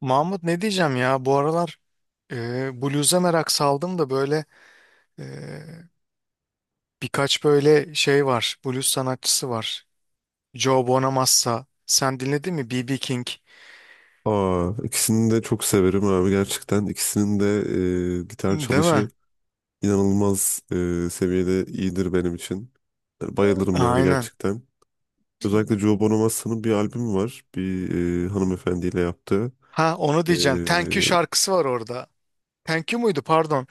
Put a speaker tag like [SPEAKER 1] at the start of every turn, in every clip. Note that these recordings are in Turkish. [SPEAKER 1] Mahmut, ne diyeceğim ya, bu aralar blues'a merak saldım da böyle e, birkaç böyle şey var, blues sanatçısı var. Joe Bonamassa, sen dinledin mi? B.B. King,
[SPEAKER 2] Aa, ikisini de çok severim abi gerçekten. İkisinin de gitar
[SPEAKER 1] değil mi?
[SPEAKER 2] çalışı inanılmaz seviyede iyidir benim için. Yani bayılırım yani
[SPEAKER 1] Aynen.
[SPEAKER 2] gerçekten. Özellikle Joe Bonamassa'nın bir albümü var. Bir hanımefendiyle yaptığı.
[SPEAKER 1] Ha, onu
[SPEAKER 2] E,
[SPEAKER 1] diyeceğim. Thank You şarkısı var orada. Thank You muydu, pardon.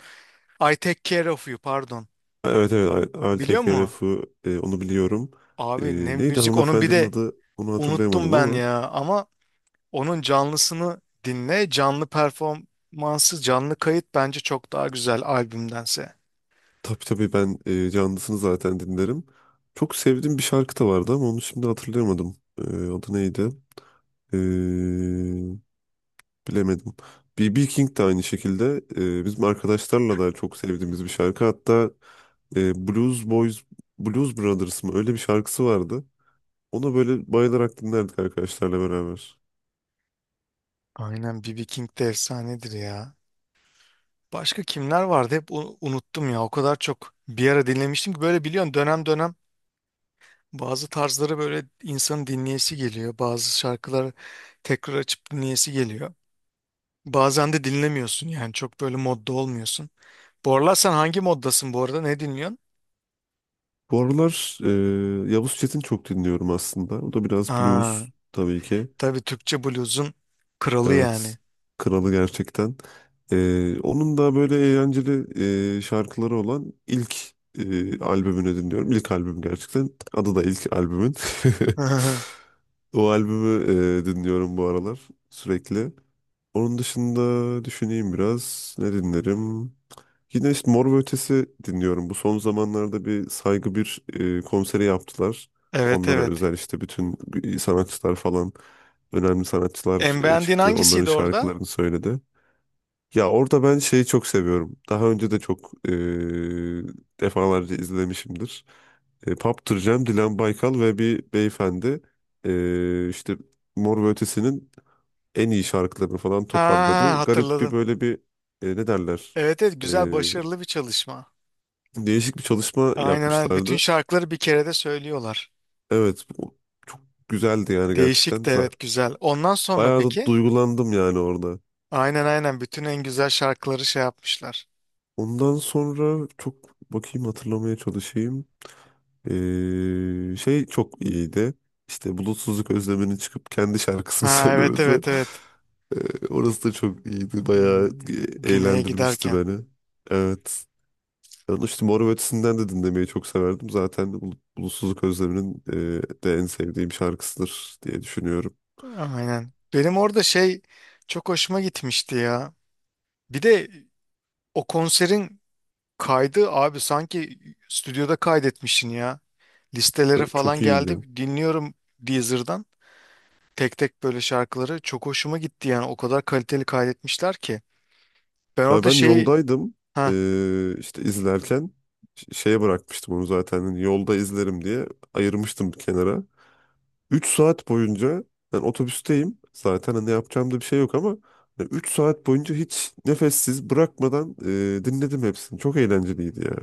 [SPEAKER 1] I Take Care of You, pardon.
[SPEAKER 2] evet evet
[SPEAKER 1] Biliyor musun?
[SPEAKER 2] ALTKRF'ı onu biliyorum. E,
[SPEAKER 1] Abi, ne
[SPEAKER 2] Neydi
[SPEAKER 1] müzik onun, bir
[SPEAKER 2] hanımefendinin
[SPEAKER 1] de
[SPEAKER 2] adı onu
[SPEAKER 1] unuttum
[SPEAKER 2] hatırlayamadım
[SPEAKER 1] ben
[SPEAKER 2] ama.
[SPEAKER 1] ya. Ama onun canlısını dinle. Canlı performansı, canlı kayıt bence çok daha güzel albümdense.
[SPEAKER 2] Tabii tabii ben canlısını zaten dinlerim. Çok sevdiğim bir şarkı da vardı ama onu şimdi hatırlayamadım. Adı neydi? Ee, Bilemedim. B.B. King de aynı şekilde bizim arkadaşlarla da çok sevdiğimiz bir şarkı. Hatta Blues Boys, Blues Brothers mı öyle bir şarkısı vardı. Ona böyle bayılarak dinlerdik arkadaşlarla beraber.
[SPEAKER 1] Aynen, B. B. King de efsanedir ya. Başka kimler vardı, hep unuttum ya. O kadar çok bir ara dinlemiştim ki, böyle biliyorsun, dönem dönem bazı tarzları böyle insanın dinleyesi geliyor. Bazı şarkıları tekrar açıp dinleyesi geliyor. Bazen de dinlemiyorsun yani, çok böyle modda olmuyorsun. Bu aralar sen hangi moddasın bu arada, ne dinliyorsun?
[SPEAKER 2] Bu aralar Yavuz Çetin çok dinliyorum aslında. O da biraz
[SPEAKER 1] Aa,
[SPEAKER 2] blues tabii ki.
[SPEAKER 1] tabii, Türkçe bluzun kralı
[SPEAKER 2] Evet.
[SPEAKER 1] yani.
[SPEAKER 2] Kralı gerçekten. Onun da böyle eğlenceli şarkıları olan ilk albümünü dinliyorum. İlk albüm gerçekten. Adı da ilk albümün. O albümü dinliyorum bu aralar sürekli. Onun dışında düşüneyim biraz. Ne dinlerim? Yine işte Mor ve Ötesi dinliyorum. Bu son zamanlarda bir Saygı bir konseri yaptılar.
[SPEAKER 1] Evet,
[SPEAKER 2] Onlara
[SPEAKER 1] evet.
[SPEAKER 2] özel işte bütün sanatçılar falan önemli sanatçılar
[SPEAKER 1] En beğendiğin
[SPEAKER 2] çıktı. Onların
[SPEAKER 1] hangisiydi orada?
[SPEAKER 2] şarkılarını söyledi. Ya orada ben şeyi çok seviyorum. Daha önce de çok defalarca izlemişimdir. Paptır Cem, Dilan Baykal ve bir beyefendi e, işte Mor ve Ötesi'nin en iyi şarkılarını falan
[SPEAKER 1] Ha,
[SPEAKER 2] toparladı. Garip bir
[SPEAKER 1] hatırladım.
[SPEAKER 2] böyle bir ne derler?
[SPEAKER 1] Evet evet, güzel, başarılı bir çalışma.
[SPEAKER 2] Değişik bir çalışma
[SPEAKER 1] Aynen aynen. Bütün
[SPEAKER 2] yapmışlardı.
[SPEAKER 1] şarkıları bir kerede söylüyorlar.
[SPEAKER 2] Evet, bu çok güzeldi yani gerçekten.
[SPEAKER 1] Değişik de, evet, güzel. Ondan sonra
[SPEAKER 2] Bayağı da
[SPEAKER 1] peki?
[SPEAKER 2] duygulandım yani orada.
[SPEAKER 1] Aynen aynen, bütün en güzel şarkıları şey yapmışlar.
[SPEAKER 2] Ondan sonra çok bakayım hatırlamaya çalışayım. Şey çok iyiydi. İşte bulutsuzluk özleminin çıkıp kendi şarkısını
[SPEAKER 1] Ha, evet
[SPEAKER 2] söylemesi.
[SPEAKER 1] evet evet.
[SPEAKER 2] Orası da çok iyiydi. Bayağı
[SPEAKER 1] Hmm, Güney'e
[SPEAKER 2] eğlendirmişti
[SPEAKER 1] giderken.
[SPEAKER 2] beni. Evet. Ben işte Mor ve Ötesi'nden de dinlemeyi çok severdim. Zaten de Bulutsuzluk Özlemi'nin de en sevdiğim şarkısıdır diye düşünüyorum.
[SPEAKER 1] Aynen. Benim orada şey çok hoşuma gitmişti ya. Bir de o konserin kaydı, abi, sanki stüdyoda kaydetmişsin ya. Listelere
[SPEAKER 2] Evet, çok
[SPEAKER 1] falan
[SPEAKER 2] iyiydi.
[SPEAKER 1] geldi. Dinliyorum Deezer'dan. Tek tek böyle şarkıları çok hoşuma gitti yani, o kadar kaliteli kaydetmişler ki. Ben
[SPEAKER 2] Ya
[SPEAKER 1] orada
[SPEAKER 2] ben
[SPEAKER 1] şey,
[SPEAKER 2] yoldaydım
[SPEAKER 1] ha,
[SPEAKER 2] izlerken şeye bırakmıştım onu zaten hani yolda izlerim diye ayırmıştım bir kenara. 3 saat boyunca ben otobüsteyim zaten hani yapacağım da bir şey yok ama hani 3 saat boyunca hiç nefessiz bırakmadan dinledim hepsini. Çok eğlenceliydi ya.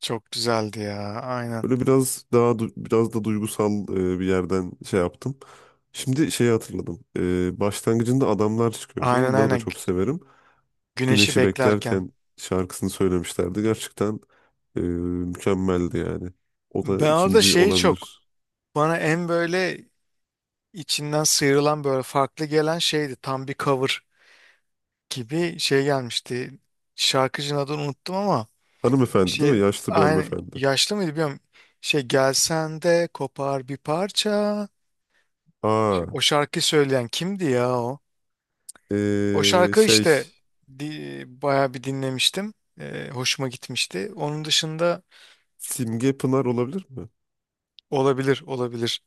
[SPEAKER 1] çok güzeldi ya, aynen.
[SPEAKER 2] Böyle biraz daha biraz da duygusal bir yerden şey yaptım. Şimdi şeyi hatırladım. Başlangıcında adamlar çıkıyordu.
[SPEAKER 1] Aynen
[SPEAKER 2] Onları da
[SPEAKER 1] aynen
[SPEAKER 2] çok severim.
[SPEAKER 1] güneşi
[SPEAKER 2] Güneşi
[SPEAKER 1] beklerken.
[SPEAKER 2] beklerken şarkısını söylemişlerdi. Gerçekten mükemmeldi yani. O da
[SPEAKER 1] Ben orada
[SPEAKER 2] ikinci
[SPEAKER 1] şeyi çok,
[SPEAKER 2] olabilir.
[SPEAKER 1] bana en böyle içinden sıyrılan, böyle farklı gelen şeydi. Tam bir cover gibi şey gelmişti. Şarkıcının adını unuttum ama
[SPEAKER 2] Hanımefendi değil mi?
[SPEAKER 1] şey,
[SPEAKER 2] Yaşlı bir
[SPEAKER 1] aynı
[SPEAKER 2] hanımefendi.
[SPEAKER 1] yaşlı mıydı bilmiyorum. Şey, gelsen de kopar bir parça.
[SPEAKER 2] Aa,
[SPEAKER 1] Şimdi o şarkıyı söyleyen kimdi ya o? O
[SPEAKER 2] e,
[SPEAKER 1] şarkı
[SPEAKER 2] şey
[SPEAKER 1] işte, di, bayağı bir dinlemiştim. Hoşuma gitmişti. Onun dışında
[SPEAKER 2] Simge Pınar olabilir mi?
[SPEAKER 1] olabilir, olabilir.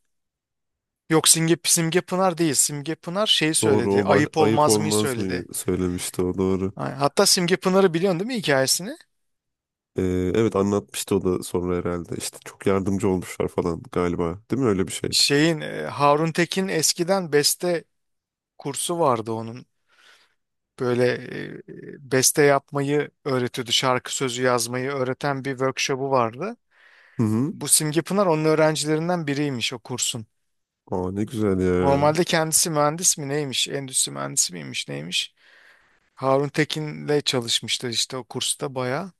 [SPEAKER 1] Yok, Simge, Simge Pınar değil. Simge Pınar şeyi
[SPEAKER 2] Doğru
[SPEAKER 1] söyledi.
[SPEAKER 2] o
[SPEAKER 1] Ayıp
[SPEAKER 2] ayıp
[SPEAKER 1] olmaz mıyı
[SPEAKER 2] olmaz mı
[SPEAKER 1] söyledi.
[SPEAKER 2] söylemişti o doğru.
[SPEAKER 1] Ha, hatta Simge Pınar'ı biliyorsun değil mi, hikayesini?
[SPEAKER 2] Evet anlatmıştı o da sonra herhalde. İşte çok yardımcı olmuşlar falan galiba. Değil mi? Öyle bir şeydi.
[SPEAKER 1] Şeyin Harun Tekin, eskiden beste kursu vardı onun. Böyle beste yapmayı öğretiyordu. Şarkı sözü yazmayı öğreten bir workshop'u vardı.
[SPEAKER 2] Hı hı.
[SPEAKER 1] Bu Simge Pınar onun öğrencilerinden biriymiş, o kursun.
[SPEAKER 2] Aa ne güzel ya.
[SPEAKER 1] Normalde kendisi mühendis mi, neymiş? Endüstri mühendisi miymiş, neymiş? Harun Tekin'le çalışmışlar işte o kursta bayağı.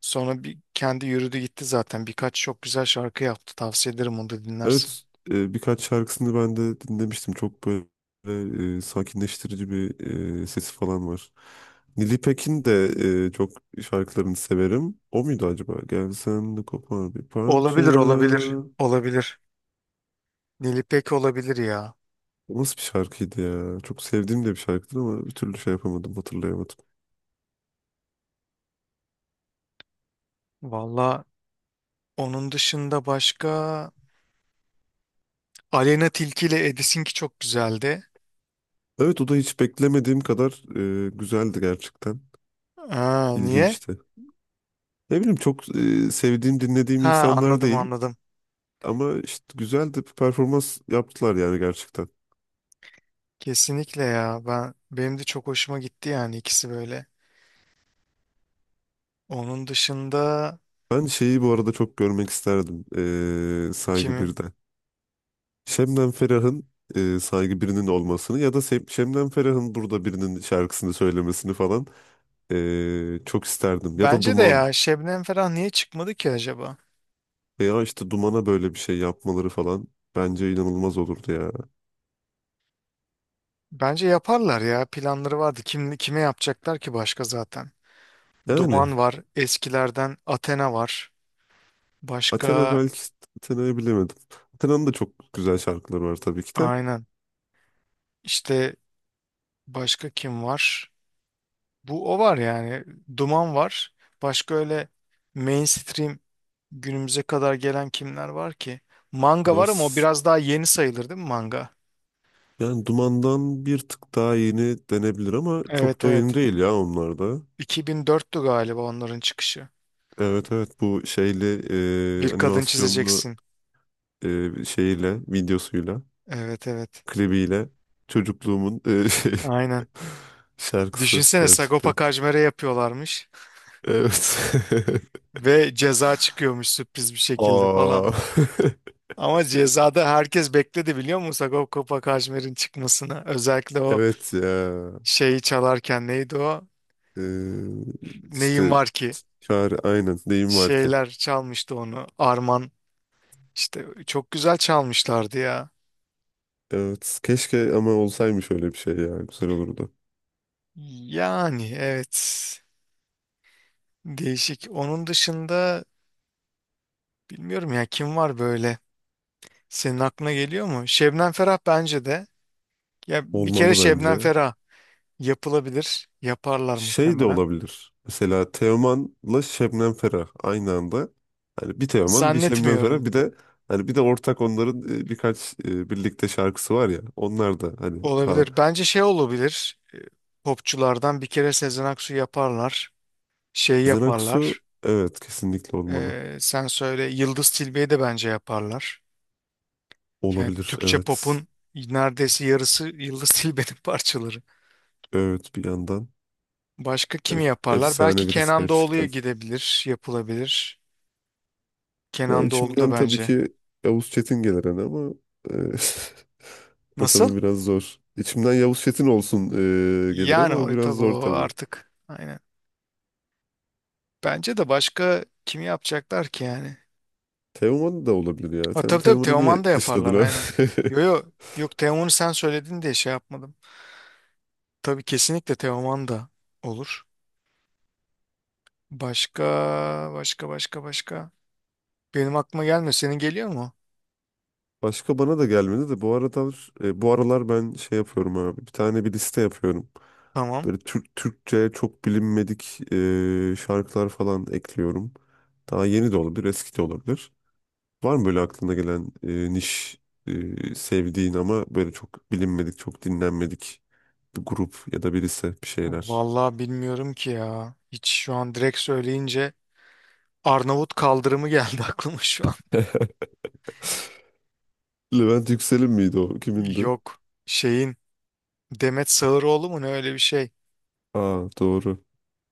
[SPEAKER 1] Sonra bir kendi yürüdü gitti zaten. Birkaç çok güzel şarkı yaptı. Tavsiye ederim, onu da dinlersin.
[SPEAKER 2] Evet birkaç şarkısını ben de dinlemiştim. Çok böyle sakinleştirici bir sesi falan var. Nili Pekin de çok şarkılarını severim. O muydu acaba? Gelsen de kopar bir parça.
[SPEAKER 1] Olabilir, olabilir, olabilir. Nilipek olabilir ya.
[SPEAKER 2] O nasıl bir şarkıydı ya? Çok sevdiğim de bir şarkıdır ama bir türlü şey yapamadım, hatırlayamadım.
[SPEAKER 1] Valla onun dışında başka Aleyna Tilki ile Edis'inki çok güzeldi.
[SPEAKER 2] Evet o da hiç beklemediğim kadar güzeldi gerçekten.
[SPEAKER 1] Ha, niye?
[SPEAKER 2] İlginçti. Ne bileyim çok sevdiğim, dinlediğim
[SPEAKER 1] Ha,
[SPEAKER 2] insanlar
[SPEAKER 1] anladım
[SPEAKER 2] değil
[SPEAKER 1] anladım.
[SPEAKER 2] ama işte güzel de bir performans yaptılar yani gerçekten.
[SPEAKER 1] Kesinlikle ya. Ben, benim de çok hoşuma gitti yani, ikisi böyle. Onun dışında
[SPEAKER 2] Ben şeyi bu arada çok görmek isterdim Saygı
[SPEAKER 1] kimi?
[SPEAKER 2] 1'de. Şebnem Ferah'ın Saygı birinin olmasını ya da Şebnem Ferah'ın burada birinin şarkısını söylemesini falan çok isterdim. Ya da
[SPEAKER 1] Bence de
[SPEAKER 2] Duman
[SPEAKER 1] ya, Şebnem Ferah niye çıkmadı ki acaba?
[SPEAKER 2] veya işte Duman'a böyle bir şey yapmaları falan bence inanılmaz olurdu ya.
[SPEAKER 1] Bence yaparlar ya. Planları vardı. Kim kime yapacaklar ki başka zaten?
[SPEAKER 2] Yani
[SPEAKER 1] Duman var, eskilerden Athena var.
[SPEAKER 2] Athena
[SPEAKER 1] Başka,
[SPEAKER 2] belki Athena'yı bilemedim. Athena'nın da çok güzel şarkıları var tabii ki de.
[SPEAKER 1] aynen. İşte başka kim var? Bu o var yani. Duman var. Başka öyle mainstream, günümüze kadar gelen kimler var ki? Manga
[SPEAKER 2] kadar
[SPEAKER 1] var ama o
[SPEAKER 2] s-
[SPEAKER 1] biraz daha yeni sayılır değil mi, manga?
[SPEAKER 2] Yani Duman'dan bir tık daha yeni denebilir ama çok
[SPEAKER 1] Evet
[SPEAKER 2] da yeni
[SPEAKER 1] evet.
[SPEAKER 2] değil ya onlar da.
[SPEAKER 1] 2004'tü galiba onların çıkışı.
[SPEAKER 2] Evet evet bu şeyli
[SPEAKER 1] Bir kadın
[SPEAKER 2] animasyonlu
[SPEAKER 1] çizeceksin.
[SPEAKER 2] şeyiyle videosuyla
[SPEAKER 1] Evet evet.
[SPEAKER 2] klibiyle çocukluğumun
[SPEAKER 1] Aynen.
[SPEAKER 2] şarkısı
[SPEAKER 1] Düşünsene, Sagopa
[SPEAKER 2] gerçekten.
[SPEAKER 1] Kajmer'e yapıyorlarmış
[SPEAKER 2] Evet.
[SPEAKER 1] ve Ceza çıkıyormuş sürpriz bir şekilde falan.
[SPEAKER 2] Aa.
[SPEAKER 1] Ama Ceza'da herkes bekledi, biliyor musun, Sagopa Kajmer'in çıkmasını. Özellikle o
[SPEAKER 2] Evet ya.
[SPEAKER 1] şeyi çalarken, neydi o?
[SPEAKER 2] E,
[SPEAKER 1] Neyim
[SPEAKER 2] işte
[SPEAKER 1] var ki?
[SPEAKER 2] çare aynen deyim var ki.
[SPEAKER 1] Şeyler çalmıştı onu. Arman, işte çok güzel çalmışlardı ya.
[SPEAKER 2] Evet keşke ama olsaymış öyle bir şey ya güzel olurdu.
[SPEAKER 1] Yani evet. Değişik. Onun dışında bilmiyorum ya, kim var böyle? Senin aklına geliyor mu? Şebnem Ferah bence de. Ya bir kere
[SPEAKER 2] Olmalı
[SPEAKER 1] Şebnem
[SPEAKER 2] bence.
[SPEAKER 1] Ferah yapılabilir. Yaparlar
[SPEAKER 2] Şey de
[SPEAKER 1] muhtemelen.
[SPEAKER 2] olabilir. Mesela Teoman'la Şebnem Ferah aynı anda. Hani bir Teoman, bir Şebnem Ferah,
[SPEAKER 1] Zannetmiyorum.
[SPEAKER 2] bir de hani bir de ortak onların birkaç birlikte şarkısı var ya. Onlar da hani ha.
[SPEAKER 1] Olabilir. Bence şey olabilir. Popçulardan bir kere Sezen Aksu yaparlar. Şey
[SPEAKER 2] Sezen Aksu
[SPEAKER 1] yaparlar.
[SPEAKER 2] evet kesinlikle olmalı.
[SPEAKER 1] Sen söyle, Yıldız Tilbe'yi de bence yaparlar. Yani
[SPEAKER 2] Olabilir
[SPEAKER 1] Türkçe
[SPEAKER 2] evet.
[SPEAKER 1] pop'un neredeyse yarısı Yıldız Tilbe'nin parçaları.
[SPEAKER 2] Evet bir yandan
[SPEAKER 1] Başka kimi yaparlar? Belki
[SPEAKER 2] Efsane birisi
[SPEAKER 1] Kenan Doğulu'ya
[SPEAKER 2] gerçekten.
[SPEAKER 1] gidebilir, yapılabilir.
[SPEAKER 2] Yani
[SPEAKER 1] Kenan Doğulu da
[SPEAKER 2] içimden tabii
[SPEAKER 1] bence.
[SPEAKER 2] ki Yavuz Çetin gelir hani ama e, o
[SPEAKER 1] Nasıl?
[SPEAKER 2] tabii biraz zor. İçimden Yavuz Çetin olsun gelir ama
[SPEAKER 1] Yani
[SPEAKER 2] o
[SPEAKER 1] o
[SPEAKER 2] biraz
[SPEAKER 1] tabii,
[SPEAKER 2] zor
[SPEAKER 1] o
[SPEAKER 2] tabii.
[SPEAKER 1] artık. Aynen. Bence de başka kimi yapacaklar ki yani?
[SPEAKER 2] Teoman da olabilir ya.
[SPEAKER 1] Ha,
[SPEAKER 2] Sen
[SPEAKER 1] tabii tabii,
[SPEAKER 2] Teoman'ı diye
[SPEAKER 1] Teoman da yaparlar,
[SPEAKER 2] dışladın ha.
[SPEAKER 1] aynen. Yo yo, yok, Teoman'ı sen söyledin diye şey yapmadım. Tabii, kesinlikle Teoman da olur. Başka, başka, başka, başka. Benim aklıma gelmiyor. Senin geliyor mu?
[SPEAKER 2] Başka bana da gelmedi de bu aralar ben şey yapıyorum abi. Bir tane bir liste yapıyorum.
[SPEAKER 1] Tamam.
[SPEAKER 2] Böyle Türkçe çok bilinmedik şarkılar falan ekliyorum. Daha yeni de olabilir, eski de olabilir. Var mı böyle aklına gelen niş sevdiğin ama böyle çok bilinmedik, çok dinlenmedik bir grup ya da birisi bir şeyler?
[SPEAKER 1] Vallahi bilmiyorum ki ya. Hiç şu an, direkt söyleyince Arnavut kaldırımı geldi aklıma şu an.
[SPEAKER 2] Levent Yüksel'in miydi o? Kimindi?
[SPEAKER 1] Yok. Şeyin Demet Sağıroğlu mu ne, öyle bir şey.
[SPEAKER 2] Aa doğru.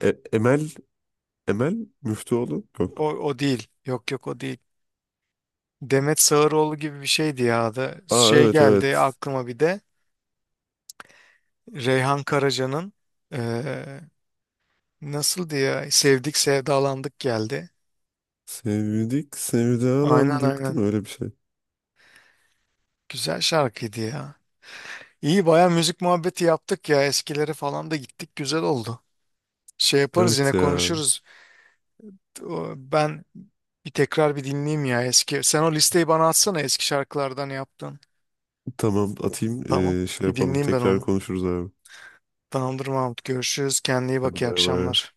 [SPEAKER 2] E- Emel Emel Müftüoğlu?
[SPEAKER 1] O,
[SPEAKER 2] Yok.
[SPEAKER 1] o değil. Yok yok, o değil. Demet Sağıroğlu gibi bir şeydi ya adı.
[SPEAKER 2] Aa
[SPEAKER 1] Şey
[SPEAKER 2] evet
[SPEAKER 1] geldi
[SPEAKER 2] evet.
[SPEAKER 1] aklıma bir de. Reyhan Karaca'nın, eee, nasıldı ya? Sevdik sevdalandık geldi.
[SPEAKER 2] Sevdik,
[SPEAKER 1] Aynen
[SPEAKER 2] sevdalandık değil
[SPEAKER 1] aynen.
[SPEAKER 2] mi? Öyle bir şey.
[SPEAKER 1] Güzel şarkıydı ya. İyi, baya müzik muhabbeti yaptık ya, eskileri falan da gittik, güzel oldu. Şey yaparız, yine
[SPEAKER 2] Evet ya.
[SPEAKER 1] konuşuruz. Ben bir tekrar bir dinleyeyim ya eski. Sen o listeyi bana atsana, eski şarkılardan yaptın.
[SPEAKER 2] Tamam atayım.
[SPEAKER 1] Tamam,
[SPEAKER 2] Şey
[SPEAKER 1] bir
[SPEAKER 2] yapalım.
[SPEAKER 1] dinleyeyim ben
[SPEAKER 2] Tekrar
[SPEAKER 1] onu.
[SPEAKER 2] konuşuruz abi.
[SPEAKER 1] Tamamdır Mahmut, görüşürüz, kendine iyi
[SPEAKER 2] Hadi
[SPEAKER 1] bak, iyi
[SPEAKER 2] bay bay.
[SPEAKER 1] akşamlar.